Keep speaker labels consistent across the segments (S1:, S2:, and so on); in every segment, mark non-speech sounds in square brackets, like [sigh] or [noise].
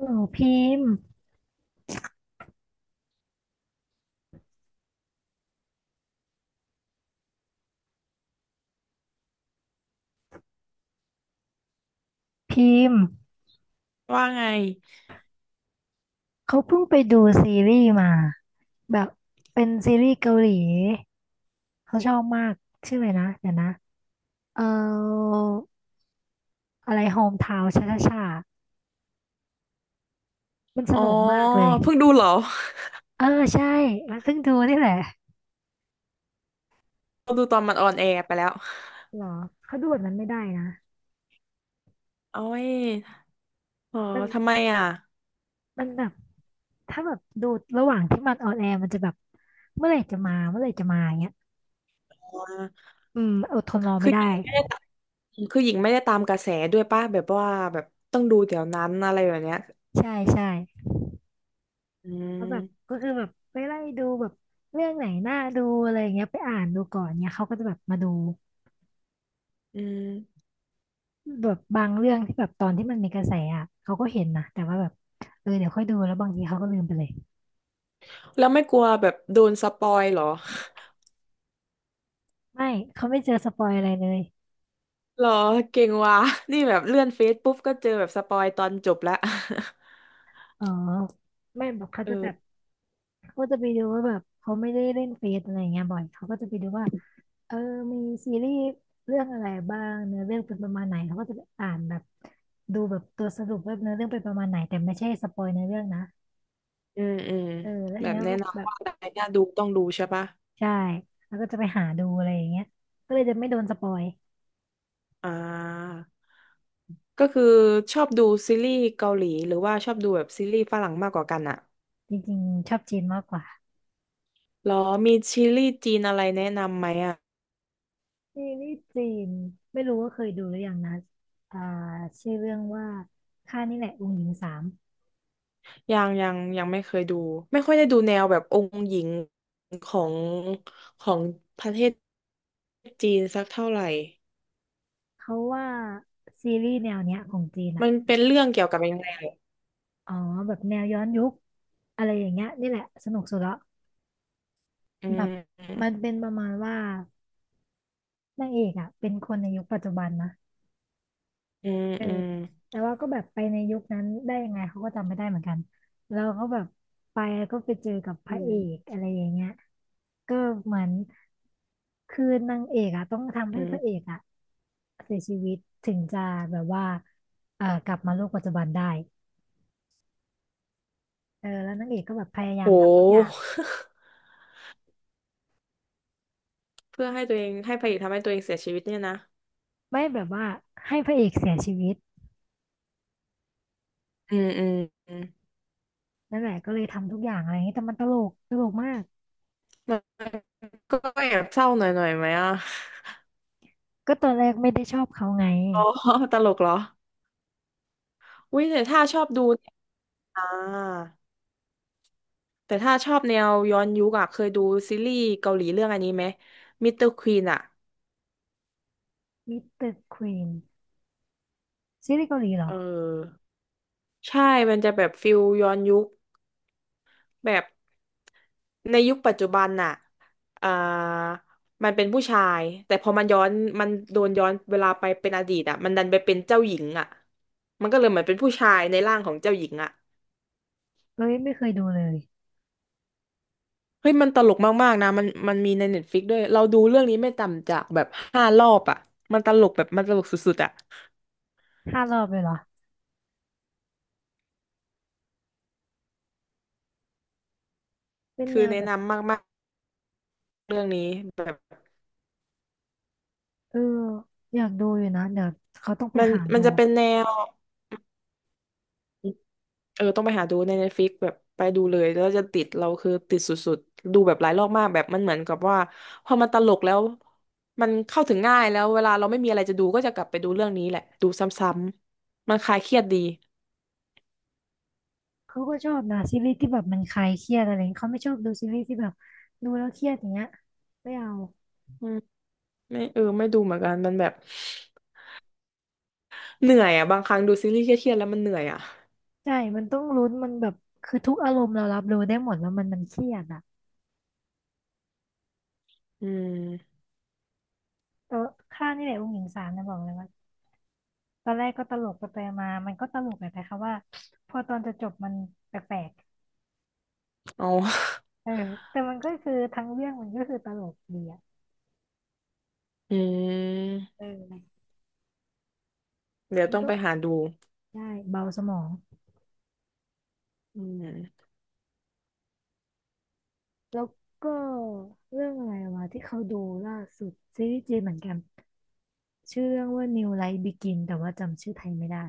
S1: หนูพิมพ์พิมพ์
S2: ว่าไง
S1: เขาเพิ่งไปดูซีรีส์มาแบบเป็นซีรีส์เกาหลีเขาชอบมากชื่ออะไรนะเดี๋ยวนะเอ่ออะไรโฮมทาวน์ช่าช่าชามันส
S2: อ๋อ
S1: นุกมากเลย
S2: เพิ่งดูเหรอ
S1: เออใช่มันเพิ่งดูนี่แหละ
S2: [laughs] ดูตอนมันออนแอร์ไปแล้ว
S1: เหรอเขาดูแบบนั้นไม่ได้นะ
S2: โอ้ยอ๋อ
S1: มัน
S2: ทำไมอ่ะ
S1: มันแบบถ้าแบบดูระหว่างที่มันออนแอร์มันจะแบบเมื่อไหร่จะมาเมื่อไหร่จะมาอย่างเงี้ย
S2: อ๋อ
S1: อืมอดทนรอไม่
S2: คือหญิ
S1: ได้
S2: งไม่ได้ตามคือหญิงไม่ได้ตามกระแสด้วยป่ะ แบบว่าแบบต้องดูเดี๋ยวนั้นอะไรแบบเนี้ย
S1: ใช่ใช่
S2: อื
S1: เขาแบ
S2: ม
S1: บก็คือแบบไปไล่ดูแบบเรื่องไหนน่าดูอะไรอย่างเงี้ยไปอ่านดูก่อนเนี่ยเขาก็จะแบบมาดู
S2: อืม
S1: แบบบางเรื่องที่แบบตอนที่มันมีกระแสอ่ะเขาก็เห็นนะแต่ว่าแบบเออเดี๋ยวค่อยดูแล้วบางทีเขาก็ลืมไปเลย
S2: แล้วไม่กลัวแบบโดนสปอยเหรอ
S1: ไม่เขาไม่เจอสปอยอะไรเลย
S2: [laughs] เหรอเก่งว่ะนี่แบบเลื่อนเฟซปุ๊บก็เจอแบบสปอยตอนจบแล้ว [laughs]
S1: อ๋อไม่แบอกเขา
S2: เอ
S1: จะแบบ
S2: อ
S1: เขาก็จะไปดูว่าแบบเขาไม่ได้เล่นเฟซอะไรอย่างเงี้ยบ่อยเขาก็จะไปดูว่าเออมีซีรีส์เรื่องอะไรบ้างเนื้อเรื่องเป็นประมาณไหนเขาก็จะไปอ่านแบบดูแบบตัวสรุปว่าเนื้อเรื่องเป็นประมาณไหนแต่ไม่ใช่สปอยเนื้อเรื่องนะ
S2: อืมอืม
S1: เออแล้วอั
S2: แบ
S1: น
S2: บ
S1: เนี้ย
S2: แนะ
S1: ก็แบ
S2: นำ
S1: บ
S2: ว่าอะไรน่าดูต้องดูใช่ป่ะ
S1: ใช่แล้วก็จะไปหาดูอะไรอย่างเงี้ยก็เลยจะไม่โดนสปอย
S2: อ่า ก็คือชอบดูซีรีส์เกาหลีหรือว่าชอบดูแบบซีรีส์ฝรั่งมากกว่ากันอะ
S1: จริงๆชอบจีนมากกว่า
S2: หรอมีซีรีส์จีนอะไรแนะนำไหมอะ
S1: นี่นี่จีนไม่รู้ว่าเคยดูหรือยังนะอ่าชื่อเรื่องว่าข้านี่แหละองค์หญิงสาม
S2: ยังไม่เคยดู ไม่ค่อยได้ดูแนวแบบองค์หญิงของของประเทศจีนสักเท่าไหร่
S1: เขาว่าซีรีส์แนวเนี้ยของจีนอ่ะ
S2: มันเป็นเรื่องเกี่ยวกับยังไงเหรอ
S1: อ๋อแบบแนวย้อนยุคอะไรอย่างเงี้ยนี่แหละสนุกสุดละ
S2: อื
S1: แบบมั
S2: ม
S1: นเป็นประมาณว่านางเอกอ่ะเป็นคนในยุคปัจจุบันนะ
S2: อืม
S1: เออ
S2: อืม
S1: แต่ว่าก็แบบไปในยุคนั้นได้ยังไงเขาก็จำไม่ได้เหมือนกันเราก็แบบไปแล้วก็ไปเจอกับพ
S2: อื
S1: ระเอก
S2: ม
S1: อะไรอย่างเงี้ยก็เหมือนคือนางเอกอะต้องทำ
S2: อื
S1: ให้พระ
S2: ม
S1: เอกอะเสียชีวิตถึงจะแบบว่ากลับมาโลกปัจจุบันได้เออแล้วนางเอกก็แบบพยายามทำทุกอย่าง
S2: โห [laughs] เพื่อให้ตัวเองให้พระเอกทำให้ตัวเองเสียชีวิตเนี่ยนะ
S1: ไม่แบบว่าให้พระเอกเสียชีวิต
S2: อืมอืมอืม
S1: นั่นแหละก็เลยทำทุกอย่างอะไรอย่างเงี้ยแต่มันตลกตลกมาก
S2: มันก็แอบเศร้าหน่อยหน่อยไหมอ่ะ
S1: ก็ตอนแรกไม่ได้ชอบเขาไง
S2: อ๋อ [laughs] ตลกเหรออุ้ยแต่ถ้าชอบดูเนี่ยอ่าแต่ถ้าชอบแนวย้อนยุคอะเคยดูซีรีส์เกาหลีเรื่องอันนี้ไหมมิสเตอร์ควีนอะ
S1: มิสเตอร์ควีนซีรีส์เกาหลีเหร
S2: เ
S1: อ
S2: ออใช่มันจะแบบฟิลย้อนยุคแบบในยุคปัจจุบันน่ะอ่ามันเป็นผู้ชายแต่พอมันย้อนมันโดนย้อนเวลาไปเป็นอดีตอะมันดันไปเป็นเจ้าหญิงอะมันก็เลยเหมือนเป็นผู้ชายในร่างของเจ้าหญิงอะ
S1: เอ้ยไม่เคยดูเลย
S2: เฮ้ยมันตลกมากๆนะมันมีในเน็ตฟลิกด้วยเราดูเรื่องนี้ไม่ต่ำจากแบบ5 รอบอ่ะมันตลกแบบมันตลกสุดๆอ่ะ
S1: ห้ารอบเลยเหรอเป็นแน
S2: คือ
S1: วแบ
S2: แนะ
S1: บ
S2: นำมากๆเรื่องนี้แบบ
S1: เอออยากดูอยู่นะเดี๋ยวเขาต้องไป
S2: มัน
S1: หา
S2: มั
S1: ดู
S2: นจะเป็นแนวเออต้องไปหาดูในเน็ตฟิกแบบไปดูเลยแล้วจะติดเราคือติดสุดๆดูแบบหลายรอบมากแบบมันเหมือนกับว่าพอมันตลกแล้วมันเข้าถึงง่ายแล้วเวลาเราไม่มีอะไรจะดูก็จะกลับไปดูเรื่องนี้แหละดูซ้ำๆมันคลายเครียดดี
S1: เขาก็ชอบนะซีรีส์ที่แบบมันคลายเครียดอะไรอย่างเงี้ยเขาไม่ชอบดูซีรีส์ที่แบบดูแล้วเครียดอย่างเงี้ยไม่เอา
S2: อืมไม่เออไม่ดูเหมือนกันมันแบบ เหนื่อยอ่ะบางครั้งดูซีรีส์เครียดๆแล้วมันเหนื่อยอ่ะ
S1: ใช่มันต้องลุ้นมันแบบคือทุกอารมณ์เรารับรู้ได้หมดแล้วมันเครียดอ่ะ
S2: อืม
S1: เออข้านี่แหละองค์หญิงสารนะบอกเลยว่าตอนแรกก็ตลกไปไปมามันก็ตลกแหละแต่ค่ะว่าพอตอนจะจบมันแปลก
S2: เอา
S1: ๆเออแต่มันก็คือทั้งเรื่องมันก็คือตลกดีอ่ะ
S2: [laughs] อืม
S1: เออ
S2: เดี๋ยว
S1: มัน
S2: ต้อง
S1: ก็
S2: ไปหาดู
S1: ใช่เบาสมอง
S2: อืม
S1: แล้วก็เรื่องอะไรวะที่เขาดูล่าสุดซีรีส์จีนเหมือนกันชื่อเรื่องว่า New Life Begin แต่ว่าจำชื่อไทยไม่ได้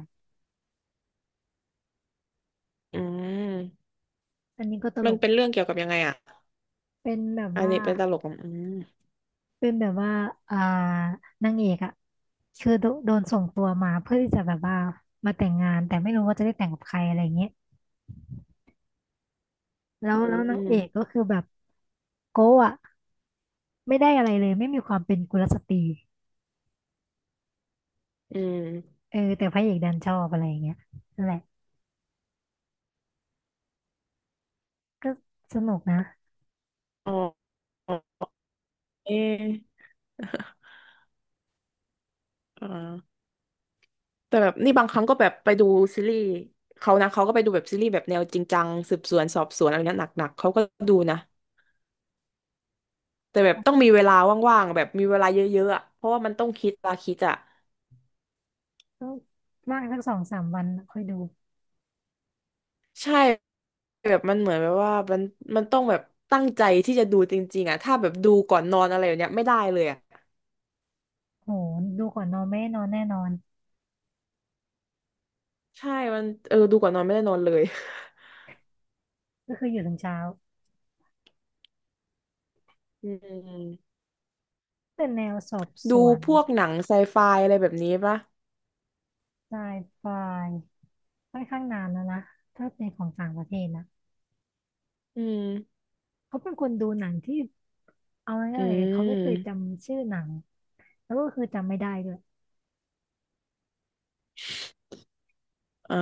S2: อืม
S1: อันนี้ก็ตล
S2: มัน
S1: ก
S2: เป็นเรื่องเกี่ยวกับยังไงอ่ะ
S1: เป็นแบบ
S2: อัน
S1: ว่า
S2: นี้เป็นตลกอะอืม
S1: เป็นแบบว่าอ่านางเอกอะคือโดนส่งตัวมาเพื่อที่จะแบบว่ามาแต่งงานแต่ไม่รู้ว่าจะได้แต่งกับใครอะไรเงี้ยแล้
S2: อื
S1: วแล้วนางเอก
S2: ม
S1: ก็คือแบบโก้อะไม่ได้อะไรเลยไม่มีความเป็นกุลสตรี
S2: อืม
S1: เออแต่พระเอกดันชอบอะไรอย่างเงี้ยนั่นแหละก็สนุกนะ
S2: อ๋อเอะอ่าแต่แบบนี่บางครั้งก็แบบไปดูซีรีส์เขานะเขาก็ไปดูแบบซีรีส์แบบแนวจริงจังสืบสวนสอบสวนอะไรเนี้ยหนักๆเขาก็ดูนะแต่แบบต้องมีเวลาว่างๆแบบมีเวลาเยอะๆอะเพราะว่ามันต้องคิดตาคิดอะ
S1: ก็บางสักสองสามวันค่อยดู
S2: ใช่แบบมันเหมือนแบบว่ามันต้องแบบตั้งใจที่จะดูจริงๆอ่ะถ้าแบบดูก่อนนอนอะไรอย่างเนี้ยไม่ได้เลยอ่ะ
S1: โหดูก่อนนอนไม่ได้นอนแน่นอน
S2: ใช่มันเออดูก่อนนอนไม่ได้นอนเลย
S1: ก็คืออยู่ถึงเช้า
S2: [laughs] อืม
S1: เป็นแนวสอบส
S2: ดู
S1: วน
S2: พวกหนังไซไฟอะไรแบบนี้ปะ
S1: ไซไฟค่อนข้างนานแล้วนะ ถ้าเป็นของต่างประเทศนะ
S2: อืม
S1: เขาเป็นคนดูหนังที่เอา
S2: อื
S1: ง่ายๆเขาไม่เคย
S2: ม
S1: จำชื่อหนังแล้วก็คือจำไม่ได้ด้วย
S2: อ่า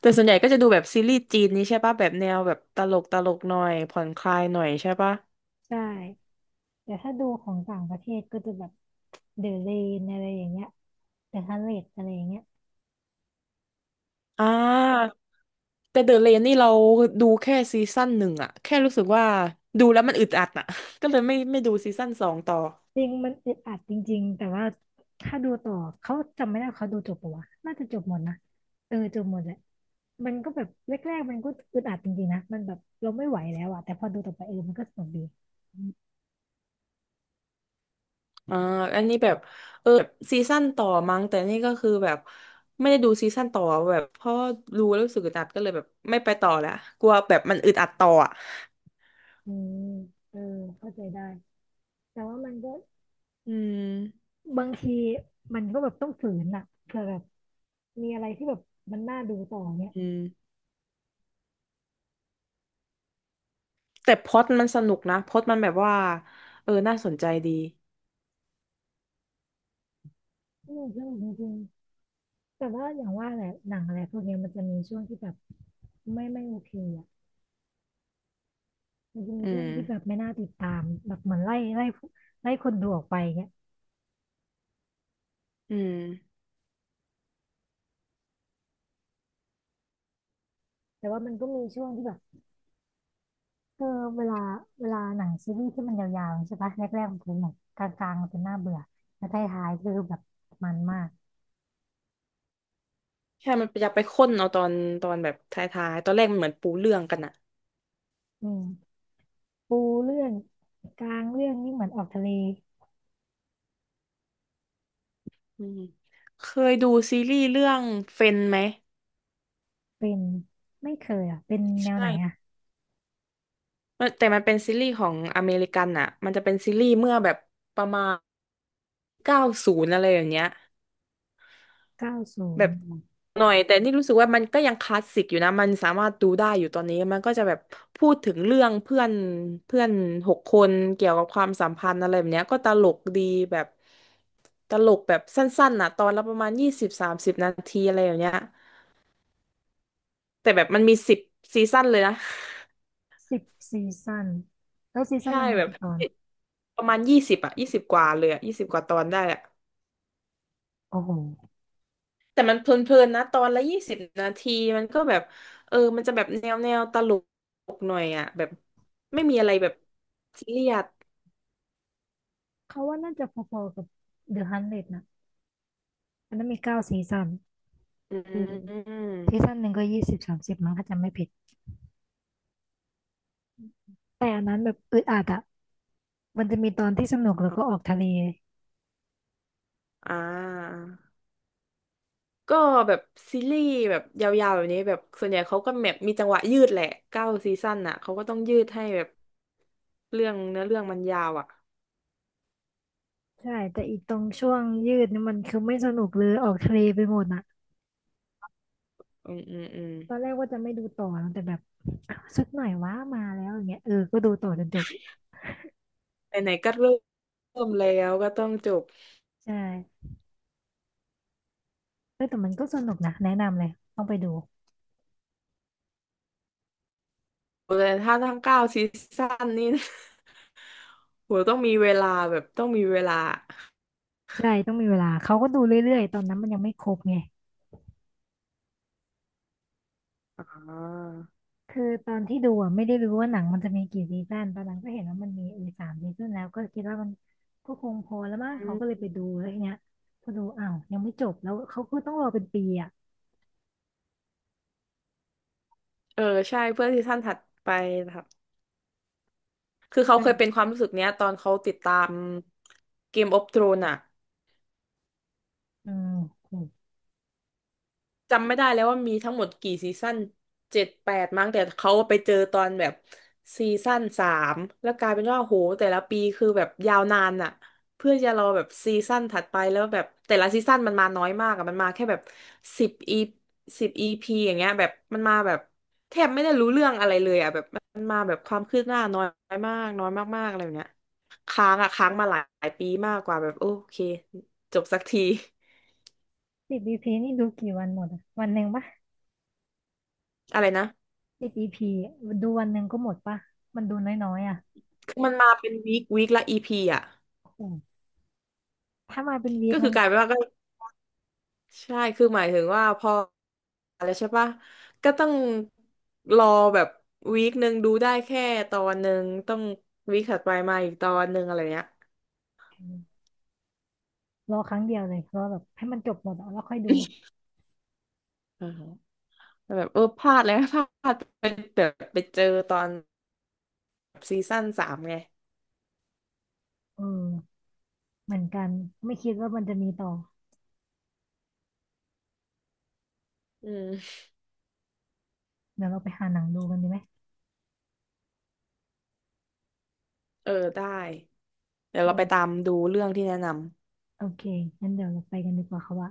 S2: แต่ส่วนใหญ่ก็จะดูแบบซีรีส์จีนนี้ใช่ปะแบบแนวแบบตลกตลกหน่อยผ่อนคลายหน่อยใช่ปะ
S1: ใช่แต่ถ้าดูของต่างประเทศก็จะแบบเดอะเรนอะไรอย่างเงี้ยเดอะฮัลเลตอะไรอย่างเงี้ย
S2: อ่าแต่เดอะเลนนี่เราดูแค่ซีซั่นหนึ่งอะแค่รู้สึกว่าดูแล้วมันอึดอัดอะ [laughs] ก็เลยไม่ดูซีซั่น 2ต่อ
S1: จริงมันอึดอัดจริงๆแต่ว่าถ้าดูต่อเขาจำไม่ได้ว่าเขาดูจบปะวะน่าจะจบหมดนะเออจบหมดแหละมันก็แบบแรกๆมันก็อึดอัดจริงๆนะมันแบบเราไม่ไหวแล้วอะแต่พอดูต่อไปเออมันก็สนุกดี
S2: อ่าอันนี้แบบเออแบบซีซั่นต่อมั้งแต่นี่ก็คือแบบไม่ได้ดูซีซั่นต่อแบบเพราะดูแล้วรู้สึกอึดอัดก็เลยแบบไม่ไปต่อละกลัวแบบมันอึดอัดต่ออ่ะ
S1: อืมเออเข้าใจได้แต่ว่ามันก็
S2: อืม
S1: บางทีมันก็แบบต้องฝืนอะเผื่อแบบมีอะไรที่แบบมันน่าดูต่อเนี่ย
S2: อืมแต่พล็อตมันสนุกนะพล็อตมันแบบว่าเออน่าสนใจดี
S1: อืมสนุกจริงๆแต่ว่าอย่างว่าแหละหนังอะไรพวกเนี้ยมันจะมีช่วงที่แบบไม่ไม่โอเคอะ มันจะมี
S2: อื
S1: ช่วง
S2: ม
S1: ที่แบบไม่น่าติดตามแบบเหมือนไล่คนดูออกไปเงี้ย
S2: อืม
S1: แต่ว่ามันก็มีช่วงที่แบบเออเวลาเวลาหนังซีรีส์ที่มันยาวๆใช่ปะแรกๆมันเป็นแบบกลางๆมันเป็นน่าเบื่อแล้วท้ายๆคือแบบมันมาก
S2: ใช่มันอยากไปค้นเอาตอนตอนแบบท้ายๆ ตอนแรกมันเหมือนปูเรื่องกันอ่ะ
S1: อืมปูเรื่องกลางเรื่องนี่เหมือนออกทะเล
S2: อืมเคยดูซีรีส์เรื่องเฟนไหม
S1: เป็นไม่เคยอ่ะเป็นแนวไหนอ่ะ
S2: ใช่ มันแต่มันเป็นซีรีส์ของอเมริกันอ่ะมันจะเป็นซีรีส์เมื่อแบบประมาณ90อะไรอย่างเงี้ย
S1: เก้าศู
S2: แบ
S1: น
S2: บ
S1: ย์
S2: หน่อยแต่นี่รู้สึกว่ามันก็ยังคลาสสิกอยู่นะมันสามารถดูได้อยู่ตอนนี้มันก็จะแบบพูดถึงเรื่องเพื่อนเพื่อน6 คนเกี่ยวกับความสัมพันธ์อะไรแบบเนี้ยก็ตลกดีแบบตลกแบบสั้นๆน่ะตอนละประมาณ20-30 นาทีอะไรอย่างเงี้ยแต่แบบมันมี10 ซีซั่นเลยนะ
S1: สิบซีซั่นแล้วซี
S2: [laughs]
S1: ซั่น
S2: ใช่
S1: หนึ่งมี
S2: แบบ
S1: กี่ตอน
S2: ประมาณ20อะยี่สิบกว่าเลยอะยี่สิบกว่าตอนได้อะ
S1: โอ้โห
S2: แต่มันเพลินๆนะตอนละ20 นาทีมันก็แบบเออมันจะแบบแนวแนวตลกหน่อยอ่ะแบบไม่มีอะไรแบบซีเรียส
S1: เขาว่าน่าจะพอๆกับเดอะฮันเดนะอันนั้นมีเก้าซีซั่น
S2: อื
S1: อืม ซีซั่
S2: ม
S1: นหนึ่งก็ยี่สิบสามสิบมั้งถ้าจำไม่ผิดแต่อันนั้นแบบอึดอัดอะมันจะมีตอนที่สนุกแล้วก็ออกทะเล
S2: อ่าก็แบบซีรีส์แบบยาวๆแบบนี้แบบส่วนใหญ่เขาก็แบบมีจังหวะยืดแหละเก้าซีซั่นอ่ะเขาก็ต้องยืดให้แบบเรื่องเนื้อเรื่องมันยาวอ่ะ
S1: ใช่แต่อีตรงช่วงยืดนี่มันคือไม่สนุกเลยออกทะเลไปหมดอะ
S2: อืมอืมอืม
S1: ตอนแรกว่าจะไม่ดูต่อนะแต่แบบสักหน่อยว่ามาแล้วอย่างเงี้ยเออก็ดูต่อจนจบ
S2: ไหนๆก็เริ่มแล้วก็ต้องจบ
S1: ใช่เอ้แต่มันก็สนุกนะแนะนำเลยต้องไปดู
S2: แต่ถ้าทั้งเก้าซีซั่นนี่ [laughs] โหต้องมีเวลาแบบต้องมีเวลา
S1: ใช่ต้องมีเวลาเขาก็ดูเรื่อยๆตอนนั้นมันยังไม่ครบไง
S2: อ่า
S1: คือตอนที่ดูอ่ะไม่ได้รู้ว่าหนังมันจะมีกี่ซีซั่นตอนหลังก็เห็นว่ามันมีเออสามซีซั่นแล้วก็คิดว่ามันก็คงพอแล้วมั้ง
S2: อื
S1: เขาก็เลย
S2: ม
S1: ไปดูแล้วทีเนี้ยพอดูอ้าวยังไม่จบแล้วเขาก็ต้องรอเป็นปีอ่ะ
S2: เออใช่เพื่อซีซั่นถัดไปนะครับคือเขาเคยเป็น
S1: อ่ะ
S2: ความรู้สึกเนี้ยตอนเขาติดตามเกมออฟ r ธรน e อะ
S1: อืมโห
S2: จำไม่ได้แล้วว่ามีทั้งหมดกี่ซีซั่น7-8มั้งแต่เขาไปเจอตอนแบบซีซั่นสามแล้วกลายเป็นว่าโหแต่ละปีคือแบบยาวนานอะเพื่อจะรอแบบซีซั่นถัดไปแล้วแบบแต่ละซีซั่นมันมาน้อยมากอะมันมาแค่แบบสิบอีสิบอีพีอย่างเงี้ยแบบมันมาแบบแทบไม่ได้รู้เรื่องอะไรเลยอะแบบมันมาแบบความคืบหน้าน้อยมากน้อยมากๆอะไรแบบเนี้ยค้างอะค้างมาหลายปีมากกว่าแบบโอเคจบสักที [laughs]
S1: 10 EP นี่ดูกี่วันหมดอะวันหนึ่งปะ
S2: อะไรนะ
S1: 10 EPดูวันหนึ่งก็หมดปะมันดูน้อยๆอ่ะ
S2: มันมาเป็นวีคละอีพีอ่ะ
S1: อ้โหถ้ามาเป็นวี
S2: ก็
S1: ค
S2: คื
S1: งั้
S2: อ
S1: น
S2: กลายเป็นว่าก็ใช่คือหมายถึงว่าพออะไรใช่ปะก็ต้องรอแบบวีคหนึ่งดูได้แค่ตอนหนึ่งต้องวีคถัดไปมาอีกตอนหนึ่งอะไรเงี้ย
S1: รอครั้งเดียวเลยรอแบบให้มันจบหมดอะแล้วค่อยดู
S2: อือฮึแบบเออพลาดเลยนะ [laughs] พลาดไปแบบไปเจอตอนซีซั่นสามไง
S1: เออเหมือนกันไม่คิดว่ามันจะมีต่อ
S2: อืม
S1: เดี๋ยวเราไปหาหนังดูกันดีไหม
S2: เออได้เดี๋ยวเราไป
S1: เออ
S2: ตามดูเรื่องที่แนะนำ
S1: โอเคงั้นเดี๋ยวเราไปกันดีกว่าค่ะว่า